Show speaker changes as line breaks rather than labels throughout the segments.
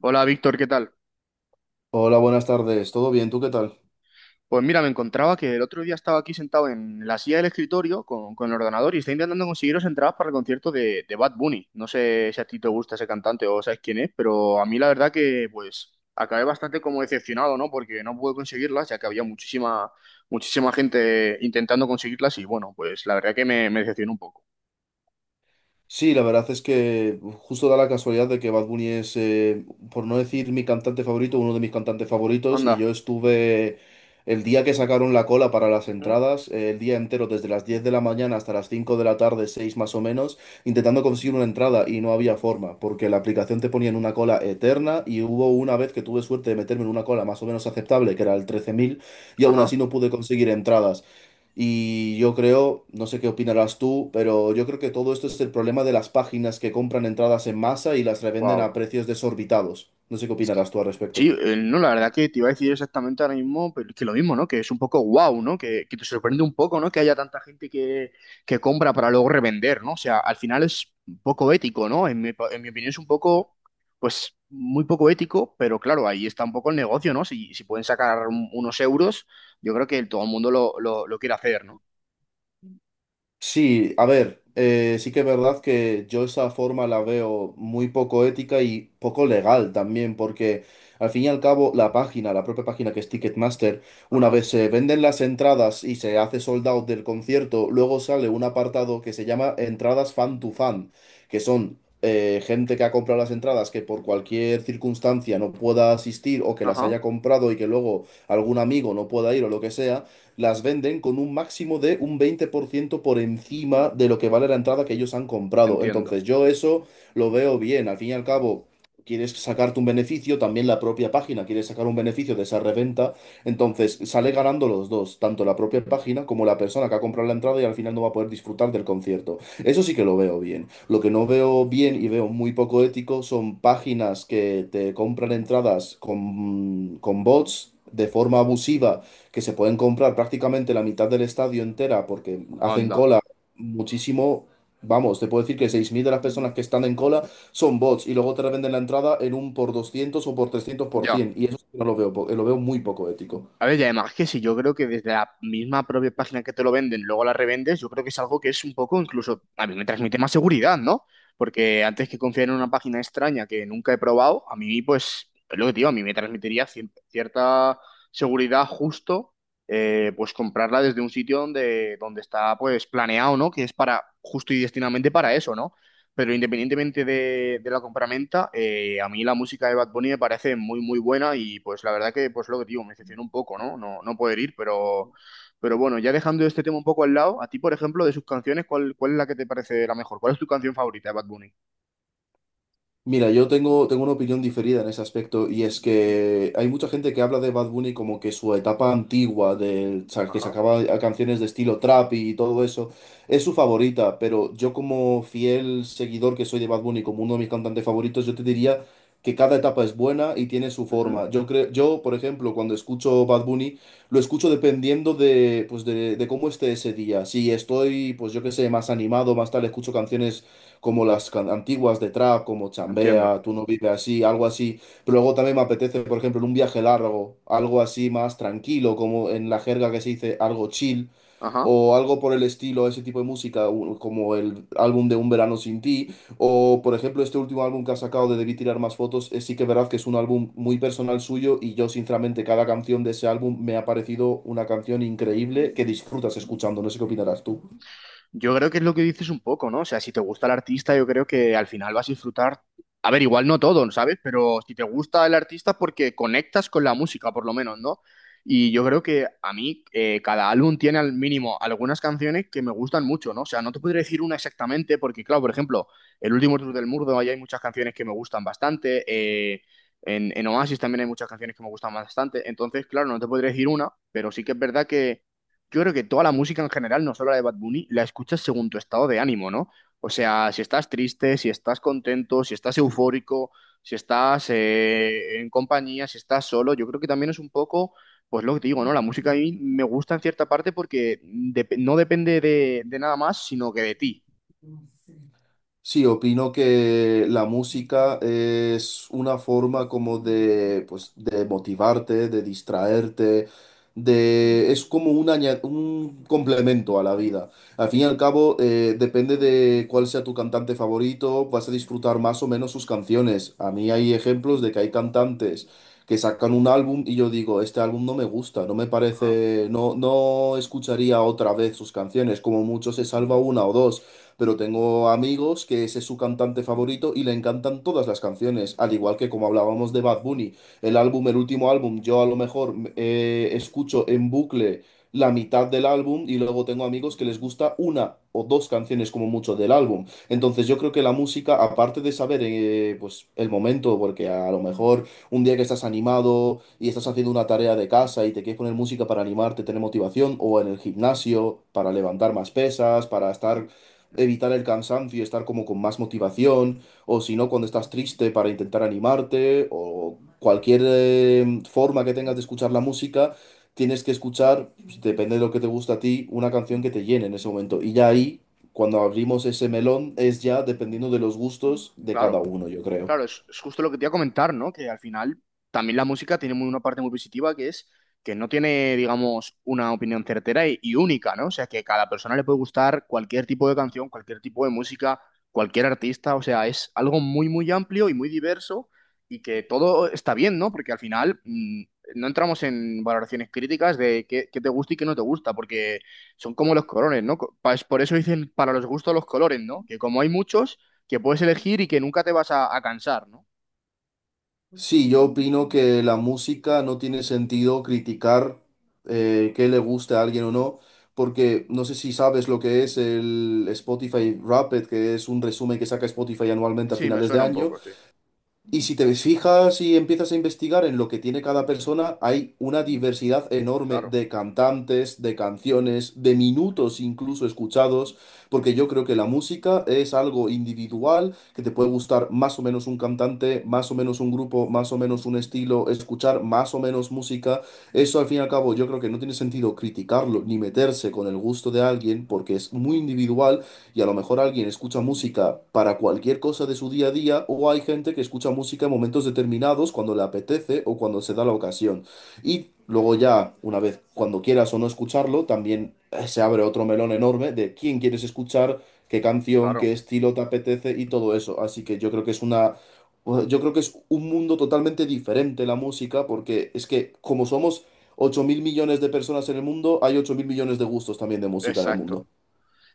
Hola Víctor, ¿qué tal?
Hola, buenas tardes. ¿Todo bien? ¿Tú qué tal?
Pues mira, me encontraba que el otro día estaba aquí sentado en la silla del escritorio con el ordenador y está intentando conseguiros entradas para el concierto de Bad Bunny. No sé si a ti te gusta ese cantante o sabes quién es, pero a mí la verdad que pues acabé bastante como decepcionado, ¿no? Porque no pude conseguirlas, ya que había muchísima gente intentando conseguirlas y bueno, pues la verdad que me decepcionó un poco.
Sí, la verdad es que justo da la casualidad de que Bad Bunny es, por no decir mi cantante favorito, uno de mis cantantes favoritos. Y yo
Anda.
estuve el día que sacaron la cola para las
Ujú.
entradas, el día entero, desde las 10 de la mañana hasta las 5 de la tarde, 6 más o menos, intentando conseguir una entrada y no había forma, porque la aplicación te ponía en una cola eterna. Y hubo una vez que tuve suerte de meterme en una cola más o menos aceptable, que era el 13.000 y aún así
Ajá.
no pude conseguir entradas. Y yo creo, no sé qué opinarás tú, pero yo creo que todo esto es el problema de las páginas que compran entradas en masa y las revenden a
Wow.
precios desorbitados. No sé qué opinarás tú al
Sí,
respecto.
no, la verdad que te iba a decir exactamente ahora mismo, pero es que lo mismo, ¿no? Que es un poco guau, ¿no? Que te sorprende un poco, ¿no? Que haya tanta gente que compra para luego revender, ¿no? O sea, al final es un poco ético, ¿no? En mi opinión es un poco, pues, muy poco ético, pero claro, ahí está un poco el negocio, ¿no? Si pueden sacar unos euros, yo creo que todo el mundo lo quiere hacer, ¿no?
Sí, a ver, sí que es verdad que yo esa forma la veo muy poco ética y poco legal también, porque al fin y al cabo la página, la propia página que es Ticketmaster, una
Ajá,
vez se venden las entradas y se hace sold out del concierto, luego sale un apartado que se llama entradas fan to fan, que son gente que ha comprado las entradas que por cualquier circunstancia no pueda asistir o que las
ajá,
haya comprado y que luego algún amigo no pueda ir o lo que sea las venden con un máximo de un 20% por encima de lo que vale la entrada que ellos han comprado.
entiendo.
Entonces yo eso lo veo bien. Al fin y al cabo, quieres sacarte un beneficio, también la propia página quiere sacar un beneficio de esa reventa. Entonces sale ganando los dos, tanto la propia página como la persona que ha comprado la entrada y al final no va a poder disfrutar del concierto. Eso sí que lo veo bien. Lo que no veo bien y veo muy poco ético son páginas que te compran entradas con, bots de forma abusiva que se pueden comprar prácticamente la mitad del estadio entera porque hacen
Onda.
cola muchísimo. Vamos, te puedo decir que 6.000 de las personas que están en cola son bots y luego te revenden la entrada en un por 200 o por 300 por
Ya.
100. Y eso sí que no lo veo, lo veo muy poco ético.
A ver, y además que si yo creo que desde la misma propia página que te lo venden, luego la revendes, yo creo que es algo que es un poco incluso, a mí me transmite más seguridad, ¿no? Porque antes que confiar en una página extraña que nunca he probado, a mí pues, es lo que te digo, a mí me transmitiría cierta seguridad justo, pues comprarla desde un sitio donde está pues planeado, ¿no? Que es para, justo y destinadamente para eso, ¿no? Pero independientemente de la compraventa, a mí la música de Bad Bunny me parece muy buena y pues la verdad que, pues lo que digo, me decepcionó un poco, ¿no? No poder ir, pero bueno, ya dejando este tema un poco al lado, a ti, por ejemplo, de sus canciones, ¿cuál, cuál es la que te parece la mejor? ¿Cuál es tu canción favorita de Bad Bunny?
Mira, yo tengo, tengo una opinión diferida en ese aspecto y es que hay mucha gente que habla de Bad Bunny como que su etapa antigua, que
Ajá.
sacaba a canciones de estilo trap y todo eso, es su favorita, pero yo como fiel seguidor que soy de Bad Bunny, como uno de mis cantantes favoritos, yo te diría que cada etapa es buena y tiene su
Ujú.
forma. Yo creo, yo, por ejemplo, cuando escucho Bad Bunny, lo escucho dependiendo de, pues de cómo esté ese día. Si estoy, pues yo qué sé, más animado, más tal, escucho canciones como las antiguas de trap, como
Entiendo.
Chambea, Tú no vives así, algo así. Pero luego también me apetece, por ejemplo, en un viaje largo, algo así más tranquilo, como en la jerga que se dice algo chill,
Ajá.
o algo por el estilo, ese tipo de música, como el álbum de Un Verano Sin Ti, o por ejemplo este último álbum que ha sacado de Debí Tirar Más Fotos, sí que es verdad que es un álbum muy personal suyo y yo sinceramente cada canción de ese álbum me ha parecido una canción increíble que disfrutas escuchando, no sé qué opinarás tú.
Yo creo que es lo que dices un poco, ¿no? O sea, si te gusta el artista, yo creo que al final vas a disfrutar. A ver, igual no todo, ¿sabes? Pero si te gusta el artista es porque conectas con la música, por lo menos, ¿no? Y yo creo que a mí cada álbum tiene al mínimo algunas canciones que me gustan mucho, ¿no? O sea, no te podría decir una exactamente porque, claro, por ejemplo, el último tour del Murdo, ahí hay muchas canciones que me gustan bastante. En Oasis también hay muchas canciones que me gustan bastante. Entonces, claro, no te podría decir una, pero sí que es verdad que yo creo que toda la música en general, no solo la de Bad Bunny, la escuchas según tu estado de ánimo, ¿no? O sea, si estás triste, si estás contento, si estás eufórico, si estás en compañía, si estás solo, yo creo que también es un poco, pues lo que digo, ¿no? La música a mí me gusta en cierta parte porque no depende de nada más, sino que de ti.
Sí, opino que la música es una forma como de, pues, de motivarte, de distraerte, es como un complemento a la vida. Al fin y al cabo, depende de cuál sea tu cantante favorito, vas a disfrutar más o menos sus canciones. A mí hay ejemplos de que hay cantantes que sacan un álbum y yo digo, este álbum no me gusta, no me
Ajá,
parece, no, no escucharía otra vez sus canciones, como mucho se salva una o dos pero tengo amigos que ese es su cantante favorito y le encantan todas las canciones, al igual que como hablábamos de Bad Bunny, el álbum, el último álbum, yo a lo mejor escucho en bucle la mitad del álbum y luego tengo amigos que les gusta una o dos canciones como mucho del álbum. Entonces yo creo que la música, aparte de saber pues el momento, porque a lo mejor un día que estás animado y estás haciendo una tarea de casa y te quieres poner música para animarte, tener motivación, o en el gimnasio para levantar más pesas, para estar evitar el cansancio y estar como con más motivación, o si no, cuando estás triste para intentar animarte, o cualquier forma que tengas de escuchar la música, tienes que escuchar, pues, depende de lo que te gusta a ti, una canción que te llene en ese momento. Y ya ahí, cuando abrimos ese melón, es ya dependiendo de los gustos de cada
claro.
uno, yo creo.
Claro, es justo lo que te iba a comentar, ¿no? Que al final también la música tiene una parte muy positiva que es que no tiene, digamos, una opinión certera y única, ¿no? O sea, que a cada persona le puede gustar cualquier tipo de canción, cualquier tipo de música, cualquier artista, o sea, es algo muy amplio y muy diverso y que todo está bien, ¿no? Porque al final no entramos en valoraciones críticas de qué te gusta y qué no te gusta, porque son como los colores, ¿no? Es Por eso dicen para los gustos los colores, ¿no? Que como hay muchos que puedes elegir y que nunca te vas a cansar, ¿no?
Sí, yo opino que la música no tiene sentido criticar qué le gusta a alguien o no, porque no sé si sabes lo que es el Spotify Wrapped, que es un resumen que saca Spotify anualmente a
Sí, me
finales de
suena un
año,
poco, sí.
y si te fijas y empiezas a investigar en lo que tiene cada persona, hay una diversidad enorme
Claro,
de cantantes, de canciones, de minutos incluso escuchados, porque yo creo que la música es algo individual, que te puede gustar más o menos un cantante, más o menos un grupo, más o menos un estilo, escuchar más o menos música. Eso al fin y al cabo yo creo que no tiene sentido criticarlo ni meterse con el gusto de alguien, porque es muy individual y a lo mejor alguien escucha música para cualquier cosa de su día a día o hay gente que escucha música en momentos determinados cuando le apetece o cuando se da la ocasión. Y luego ya, una vez, cuando quieras o no escucharlo, también se abre otro melón enorme de quién quieres escuchar, qué canción,
claro.
qué estilo te apetece y todo eso. Así que yo creo que es una... Yo creo que es un mundo totalmente diferente la música porque es que como somos 8.000 millones de personas en el mundo, hay 8.000 millones de gustos también de música en el mundo.
Exacto.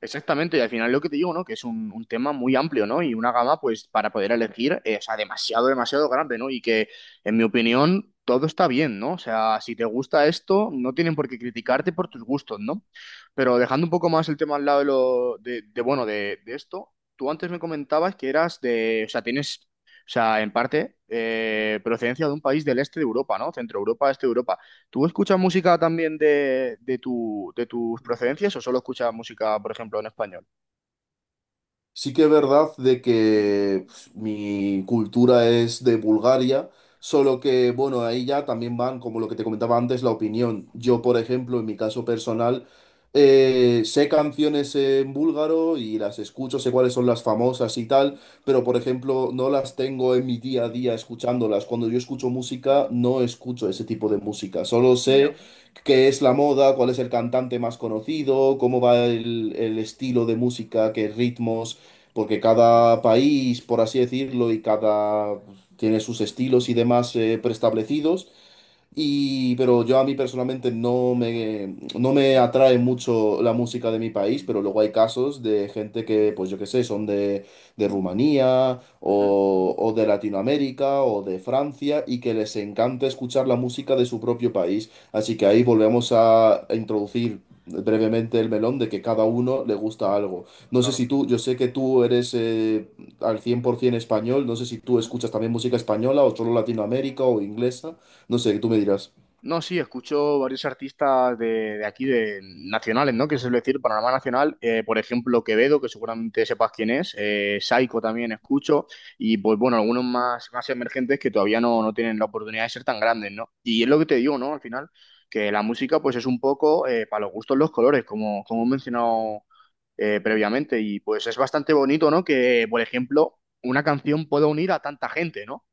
Exactamente, y al final lo que te digo, ¿no? Que es un tema muy amplio, ¿no? Y una gama, pues, para poder elegir, o sea, demasiado grande, ¿no? Y que, en mi opinión, todo está bien, ¿no? O sea, si te gusta esto, no tienen por qué criticarte por tus gustos, ¿no? Pero dejando un poco más el tema al lado de lo, bueno, de esto, tú antes me comentabas que eras de, o sea, tienes, o sea, en parte, procedencia de un país del este de Europa, ¿no? Centro Europa, este de Europa. ¿Tú escuchas música también de, de tus procedencias o solo escuchas música, por ejemplo, en español?
Sí que es verdad de que pues, mi cultura es de Bulgaria, solo que, bueno, ahí ya también van, como lo que te comentaba antes, la opinión. Yo, por ejemplo, en mi caso personal, sé canciones en búlgaro y las escucho, sé cuáles son las famosas y tal, pero, por ejemplo, no las tengo en mi día a día escuchándolas. Cuando yo escucho música, no escucho ese tipo de música, solo
Ya,
sé qué es la moda, cuál es el cantante más conocido, cómo va el estilo de música, qué ritmos porque cada país, por así decirlo, y cada pues, tiene sus estilos y demás preestablecidos. Y, pero yo a mí personalmente no me atrae mucho la música de mi país, pero luego hay casos de gente que, pues yo qué sé, son de, Rumanía
ujú,
o de Latinoamérica o de Francia y que les encanta escuchar la música de su propio país. Así que ahí volvemos a introducir brevemente el melón de que cada uno le gusta algo. No sé
claro.
si tú, yo sé que tú eres al 100% español, no sé si tú
Ujú.
escuchas también música española o solo Latinoamérica o inglesa. No sé, tú me dirás.
No, sí, escucho varios artistas de aquí, de nacionales, ¿no? Que se suele decir, panorama nacional. Por ejemplo, Quevedo, que seguramente sepas quién es. Saiko también escucho. Y pues bueno, algunos más, más emergentes que todavía no tienen la oportunidad de ser tan grandes, ¿no? Y es lo que te digo, ¿no? Al final, que la música pues es un poco para los gustos los colores, como he mencionado previamente. Y pues es bastante bonito, ¿no? Que, por ejemplo, una canción pueda unir a tanta gente, ¿no?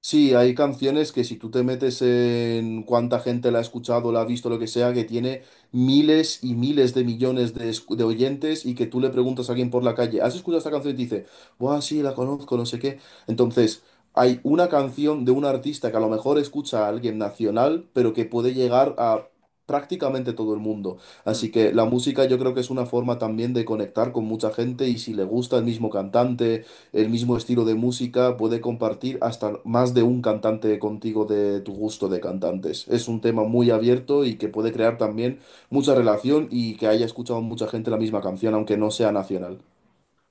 Sí, hay canciones que si tú te metes en cuánta gente la ha escuchado, la ha visto, lo que sea, que tiene miles y miles de millones de, de oyentes y que tú le preguntas a alguien por la calle, ¿has escuchado esta canción? Y te dice, Buah, sí, la conozco, no sé qué. Entonces, hay una canción de un artista que a lo mejor escucha a alguien nacional, pero que puede llegar a prácticamente todo el mundo.
Mm.
Así que la música yo creo que es una forma también de conectar con mucha gente y si le gusta el mismo cantante. El mismo estilo de música, puede compartir hasta más de un cantante contigo de tu gusto de cantantes. Es un tema muy abierto y que puede crear también mucha relación y que haya escuchado mucha gente la misma canción, aunque no sea nacional.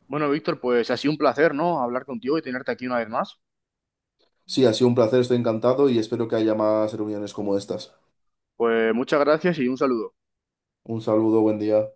Bueno, Víctor, pues ha sido un placer, ¿no? Hablar contigo y tenerte aquí una vez más.
Sí, ha sido un placer, estoy encantado y espero que haya más reuniones como estas.
Pues muchas gracias y un saludo.
Un saludo, buen día.